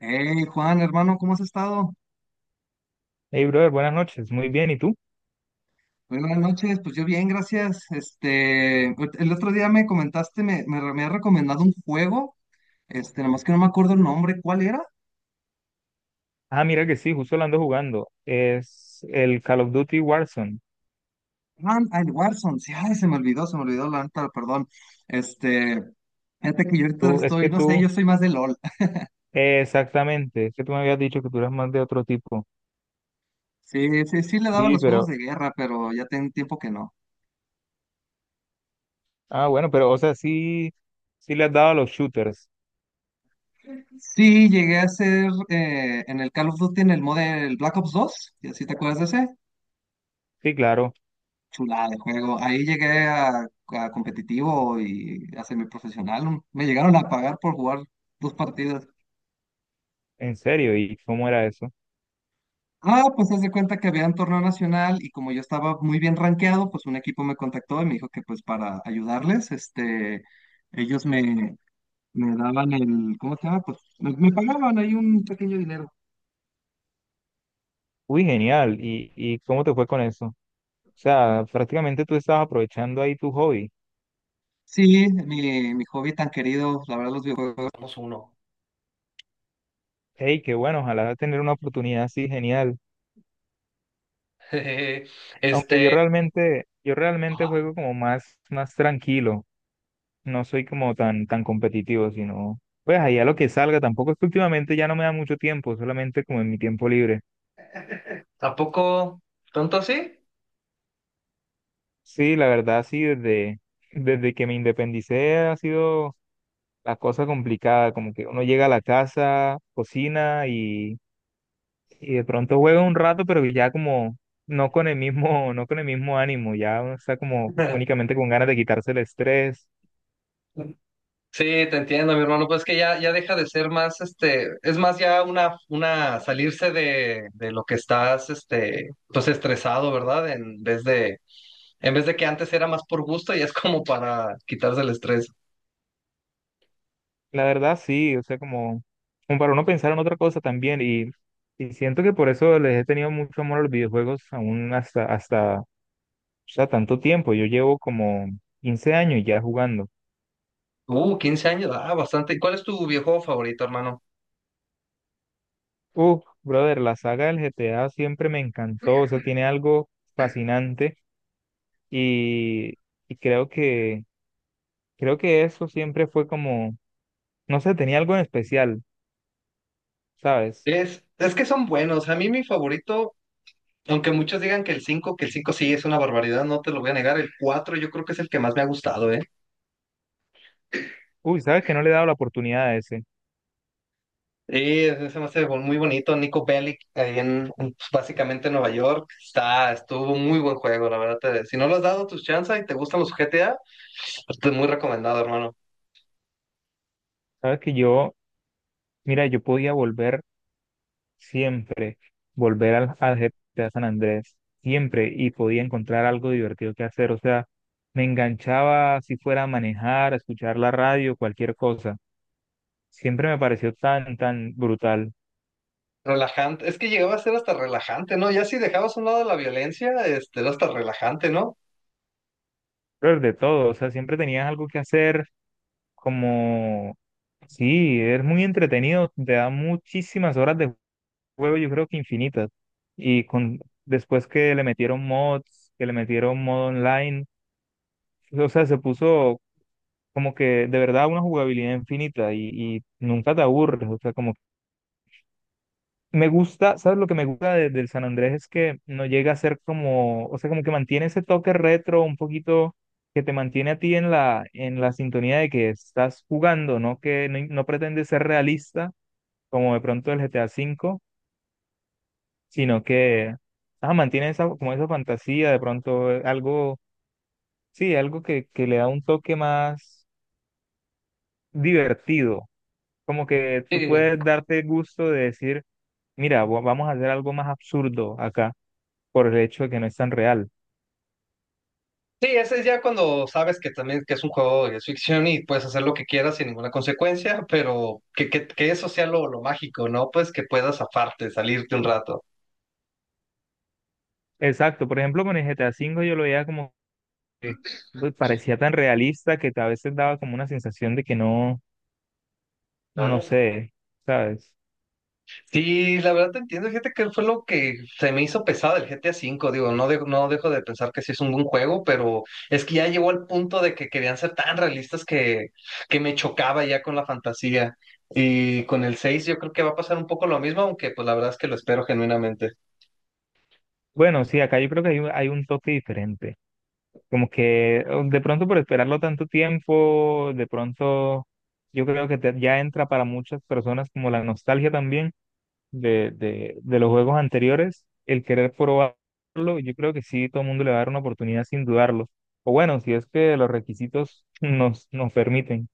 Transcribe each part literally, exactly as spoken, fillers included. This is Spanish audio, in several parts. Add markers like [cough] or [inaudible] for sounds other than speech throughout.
Hey Juan, hermano, ¿cómo has estado? Hey, brother, buenas noches. Muy bien, ¿y tú? Muy buenas noches, pues yo bien, gracias. Este, pues, el otro día me comentaste, me, me, me has recomendado un juego, este, nada más que no me acuerdo el nombre, ¿cuál era? Ah, mira que sí, justo lo ando jugando. Es el Call of Duty Warzone. Ah, el Warzone, sí, ay, se me olvidó, se me olvidó la neta, perdón. Este, fíjate que yo ahorita Tú, es estoy, que no sé, tú, yo soy más de LOL. [laughs] Eh, exactamente, es que tú me habías dicho que tú eras más de otro tipo. Sí, sí, sí le daba Sí, los juegos pero, de guerra, pero ya tengo tiempo que no. ah, bueno, pero, o sea, sí, sí le has dado a los shooters. Sí, llegué a ser eh, en el Call of Duty en el mod del Black Ops dos, ¿y así te acuerdas de ese? Sí, claro, Chulada de juego. Ahí llegué a, a competitivo y a semiprofesional. Me llegaron a pagar por jugar dos partidas. en serio, y cómo era eso? Ah, pues haz de cuenta que había un torneo nacional y como yo estaba muy bien rankeado, pues un equipo me contactó y me dijo que pues para ayudarles, este, ellos me, me daban el, ¿cómo se llama? Pues me, me pagaban ahí un pequeño dinero. Uy, genial, ¿y, y cómo te fue con eso? O sea, prácticamente tú estabas aprovechando ahí tu hobby. Sí, mi, mi hobby tan querido, la verdad los videojuegos. Somos uno. Hey, qué bueno, ojalá tener una oportunidad así, genial. [laughs] Aunque yo Este. realmente, yo realmente Ajá. juego como más, más tranquilo. No soy como tan, tan competitivo, sino pues ahí a lo que salga. Tampoco es que últimamente ya no me da mucho tiempo, solamente como en mi tiempo libre. ¿Tampoco? ¿Tonto así? Sí, la verdad, sí, desde, desde que me independicé ha sido la cosa complicada, como que uno llega a la casa, cocina y, y de pronto juega un rato, pero ya como no con el mismo, [laughs] no con el mismo ánimo, ya uno está como [laughs] únicamente con ganas de quitarse el estrés. Sí, te entiendo, mi hermano. Pues que ya, ya deja de ser más, este, es más ya una, una salirse de, de lo que estás, este, pues estresado, ¿verdad? En vez de, en vez de que antes era más por gusto y es como para quitarse el estrés. La verdad sí, o sea, como, como para uno pensar en otra cosa también y, y siento que por eso les he tenido mucho amor a los videojuegos aún hasta, hasta, o sea, tanto tiempo. Yo llevo como quince años ya jugando. Uh, quince años, ah, bastante. ¿Y cuál es tu videojuego favorito, hermano? Uf, brother, la saga del G T A siempre me encantó, o sea, tiene algo fascinante y, y creo que, creo que eso siempre fue como, no sé, tenía algo en especial, ¿sabes? Es, es que es favorito, aunque muchos digan que el cinco, que el cinco es barbaridad, no te lo voy a negar. El cuatro, yo creo que es el que más me ha gustado, ¿eh? Uy, ¿sabes que no le he dado la oportunidad a ese? Sí, ese se me hace bo- muy bonito. Nico Bellic, ahí en, en, pues, básicamente en Nueva York, está, estuvo muy buen juego, la verdad. Te- si no lo has dado tus chances y te gustan los G T A, pues, te muy recomendado, hermano. ¿Sabes que yo, mira, yo podía volver siempre volver al, al G T A San Andrés, siempre, y podía encontrar algo divertido que hacer? O sea, me enganchaba si fuera a manejar, a escuchar la radio, cualquier cosa. Siempre me pareció tan, tan brutal. Relajante, es que llegaba a ser hasta relajante, ¿no? Ya si dejabas a un lado la violencia, este, era hasta relajante, ¿no? Pero de todo, o sea, siempre tenías algo que hacer, como, sí, es muy entretenido, te da muchísimas horas de juego, yo creo que infinitas. Y con, después que le metieron mods, que le metieron modo online, o sea, se puso como que de verdad una jugabilidad infinita y, y nunca te aburres, o sea, como me gusta. ¿Sabes lo que me gusta de- del San Andrés? Es que no llega a ser como, o sea, como que mantiene ese toque retro un poquito que te mantiene a ti en la, en la sintonía de que estás jugando, ¿no? Que no, no pretende ser realista como de pronto el G T A cinco, sino que ah, mantiene esa, como esa fantasía, de pronto eh, algo, sí, algo que, que le da un toque más divertido, como que tú Sí, puedes darte gusto de decir: mira, va- vamos a hacer algo más absurdo acá por el hecho de que no es tan real. sí, ese es ya cuando sabes que también que es un juego de ficción y puedes hacer lo que quieras sin ninguna consecuencia, pero que, que, que eso sea lo, lo mágico, ¿no? Pues que puedas aparte, salirte un rato. Exacto, por ejemplo, con el G T A cinco yo lo veía como que pues, parecía tan realista que a veces daba como una sensación de que no, no sé, ¿sabes? Sí, la verdad te entiendo, fíjate que fue lo que se me hizo pesado el G T A cinco, digo, no, de- no dejo de pensar que sí es un buen juego, pero es que ya llegó al punto de que querían ser tan realistas que, que me chocaba ya con la fantasía. Y con el seis yo creo que va a pasar un poco lo mismo, aunque pues la verdad es que lo espero genuinamente. Bueno, sí, acá yo creo que hay, un- hay un toque diferente. Como que oh, de pronto por esperarlo tanto tiempo, de pronto yo creo que te- ya entra para muchas personas como la nostalgia también de, de, de los juegos anteriores, el querer probarlo. Yo creo que sí, todo el mundo le va a dar una oportunidad sin dudarlo. O bueno, si es que los requisitos [laughs] nos, nos permiten.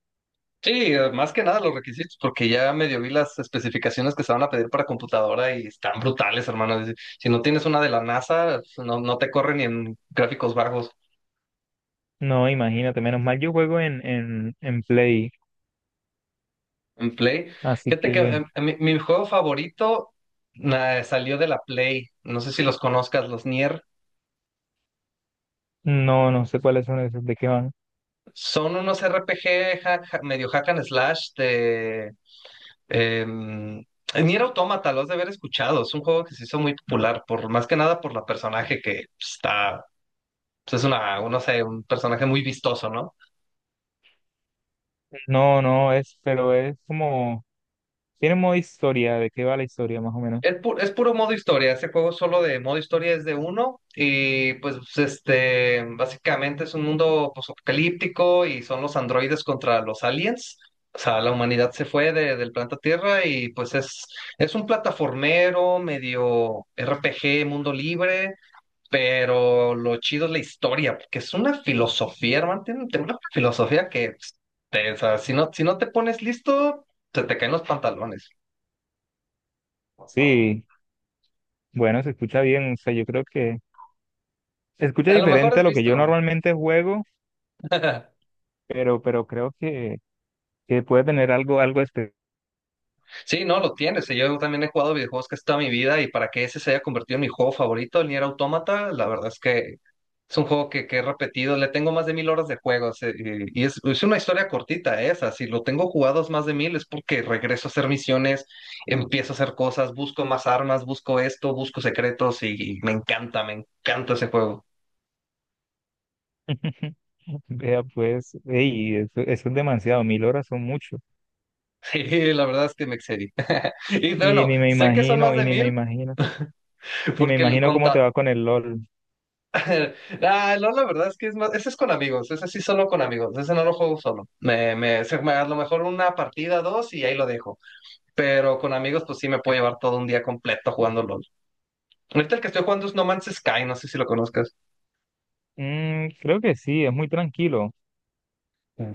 Sí, eh, más que nada los requisitos, porque ya medio vi las especificaciones que se van a pedir para computadora y están brutales, hermano. Si si no tienes una de la NASA, no, no te corre ni en gráficos bajos. No, imagínate, menos mal yo juego en, en, en Play, En Play. así Fíjate que que em, em, mi, mi juego favorito na- salió de la Play. No sé si los conozcas, los Nier. no, no sé cuáles son esos, de qué van. Son unos R P G ja- ja- medio hack and slash de... em, Nier Automata, los has de haber escuchado. Es un juego que se hizo muy popular, por, más que nada por la personaje que pues, está... pues, es una, no sé, un personaje muy vistoso, ¿no? No, no, es, pero es como, tiene modo historia, de qué va la historia más o menos. el pu- es puro modo historia, ese juego solo de modo historia es de uno y pues este, básicamente es un mundo apocalíptico y son los androides contra los aliens. O sea, la humanidad se fue de- del planeta Tierra y pues es, es un plataformero medio R P G, mundo libre, pero lo chido es la historia, porque es una filosofía, hermano, tiene, tiene una filosofía que, pues, te- o sea, si no, si no te pones listo, se te caen los pantalones. Sí, bueno, se escucha bien, o sea, yo creo que se escucha A lo mejor diferente a has lo que yo visto. normalmente juego, [laughs] pero, pero creo que que puede tener algo, algo especial. Sí, no, lo tienes. Y yo también he jugado videojuegos casi toda mi vida y para que ese se haya convertido en mi juego favorito, el Nier Automata, la verdad es que es un juego que, que he repetido. Le tengo más de mil horas de juegos eh, y, y es, es una historia cortita esa. Si lo tengo jugados más de mil es porque regreso a hacer misiones, empiezo a hacer cosas, busco más armas, busco esto, busco secretos y, y me encanta, me encanta ese juego. [laughs] [laughs] Vea, pues, ey, eso, eso es demasiado, mil horas son mucho. Sí, la verdad es que me excedí. [laughs] Y Y bueno, ni me sé que son más imagino, y de ni me mil imagino, ni me porque el, imagino cómo te conta- va con el LOL. [laughs] Ah, no, la verdad es que es más, ese es con amigos, ese sí solo con amigos, ese no lo juego solo. Me, me, se- me- a lo mejor una partida, dos y ahí lo dejo. Pero con amigos, pues sí me puedo llevar todo un día completo jugando LOL. Ahorita el que estoy jugando es No Man's Sky, no sé si lo conozcas. Mm, creo que sí, es muy tranquilo.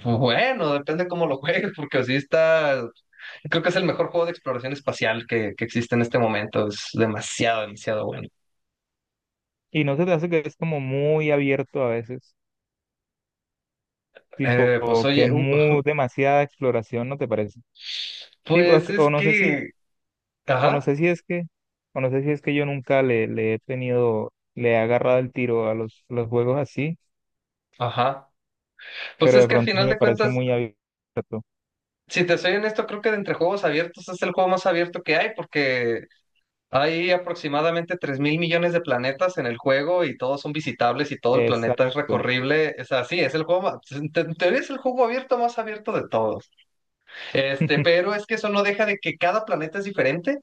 Bueno, depende cómo lo juegues, porque así está. Creo que es el mejor juego de exploración espacial que, que existe en este momento. Es demasiado, demasiado bueno. Y no se te hace que es como muy abierto a veces, tipo Eh, pues que es oye, un- muy demasiada exploración, ¿no te parece? Tipo, es pues es o no sé si, que. o no Ajá, sé si es que, o no sé si es que yo nunca le, le he tenido, le he agarrado el tiro a los, los juegos así, ajá. Pues pero es de que al pronto sí final me de parece cuentas. muy abierto. Si te soy honesto, creo que de entre juegos abiertos es el juego más abierto que hay porque hay aproximadamente tres mil millones de planetas en el juego y todos son visitables y todo el planeta es Exacto. recorrible. Es así, es el juego, ma- en te- en teoría es el juego abierto más abierto de todos. Este, [laughs] pero es que eso no deja de que cada planeta es diferente,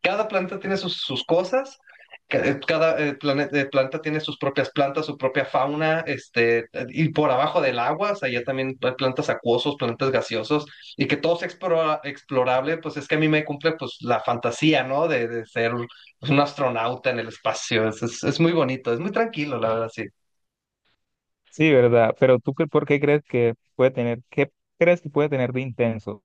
cada planeta tiene sus, sus cosas, ca- eh, cada eh, plane- eh, planeta tiene sus propias plantas, su propia fauna, este, y por abajo del agua, o sea, ya también hay plantas acuosos, plantas gaseosos, y que todo sea explora- explorable, pues es que a mí me cumple pues la fantasía, ¿no? De, de ser un astronauta en el espacio, es, es, es muy bonito, es muy tranquilo, la verdad, sí. Sí, ¿verdad? Pero tú, qué- ¿por qué crees que puede tener, qué crees que puede tener de intenso?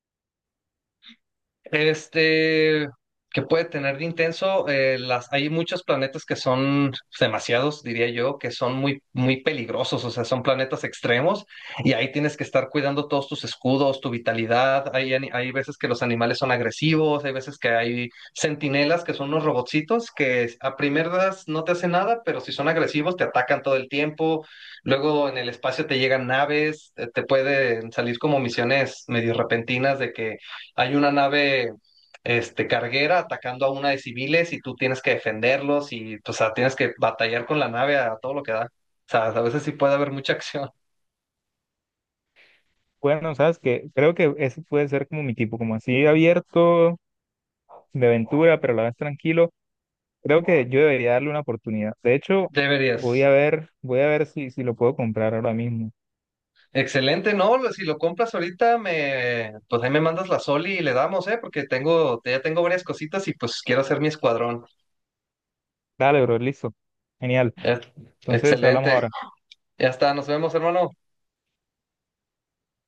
Este, que puede tener de intenso, eh, las, hay muchos planetas que son demasiados, diría yo, que son muy, muy peligrosos, o sea, son planetas extremos y ahí tienes que estar cuidando todos tus escudos, tu vitalidad. Hay, ani- hay veces que los animales son agresivos, hay veces que hay centinelas que son unos robotcitos que a primeras no te hacen nada, pero si son agresivos te atacan todo el tiempo. Luego en el espacio te llegan naves, eh, te pueden salir como misiones medio repentinas de que hay una nave este, carguera atacando a una de civiles y tú tienes que defenderlos y o sea, tienes que batallar con la nave a todo lo que da. O sea, a veces sí puede haber mucha [laughs] acción. Bueno, sabes que creo que ese puede ser como mi tipo, como así abierto, de aventura, pero a la vez tranquilo. Creo que yo debería darle una oportunidad. De hecho, voy Deberías. a ver, voy a ver si, si lo puedo comprar ahora mismo. Excelente, ¿no? Lo- Si lo compras ahorita, me, pues ahí me mandas la Soli y le damos, ¿eh? Porque tengo, ya tengo varias cositas y pues quiero hacer mi escuadrón. Dale, bro, listo. Genial. Eh, Entonces, hablamos Excelente. ahora. Ya está, nos vemos, hermano.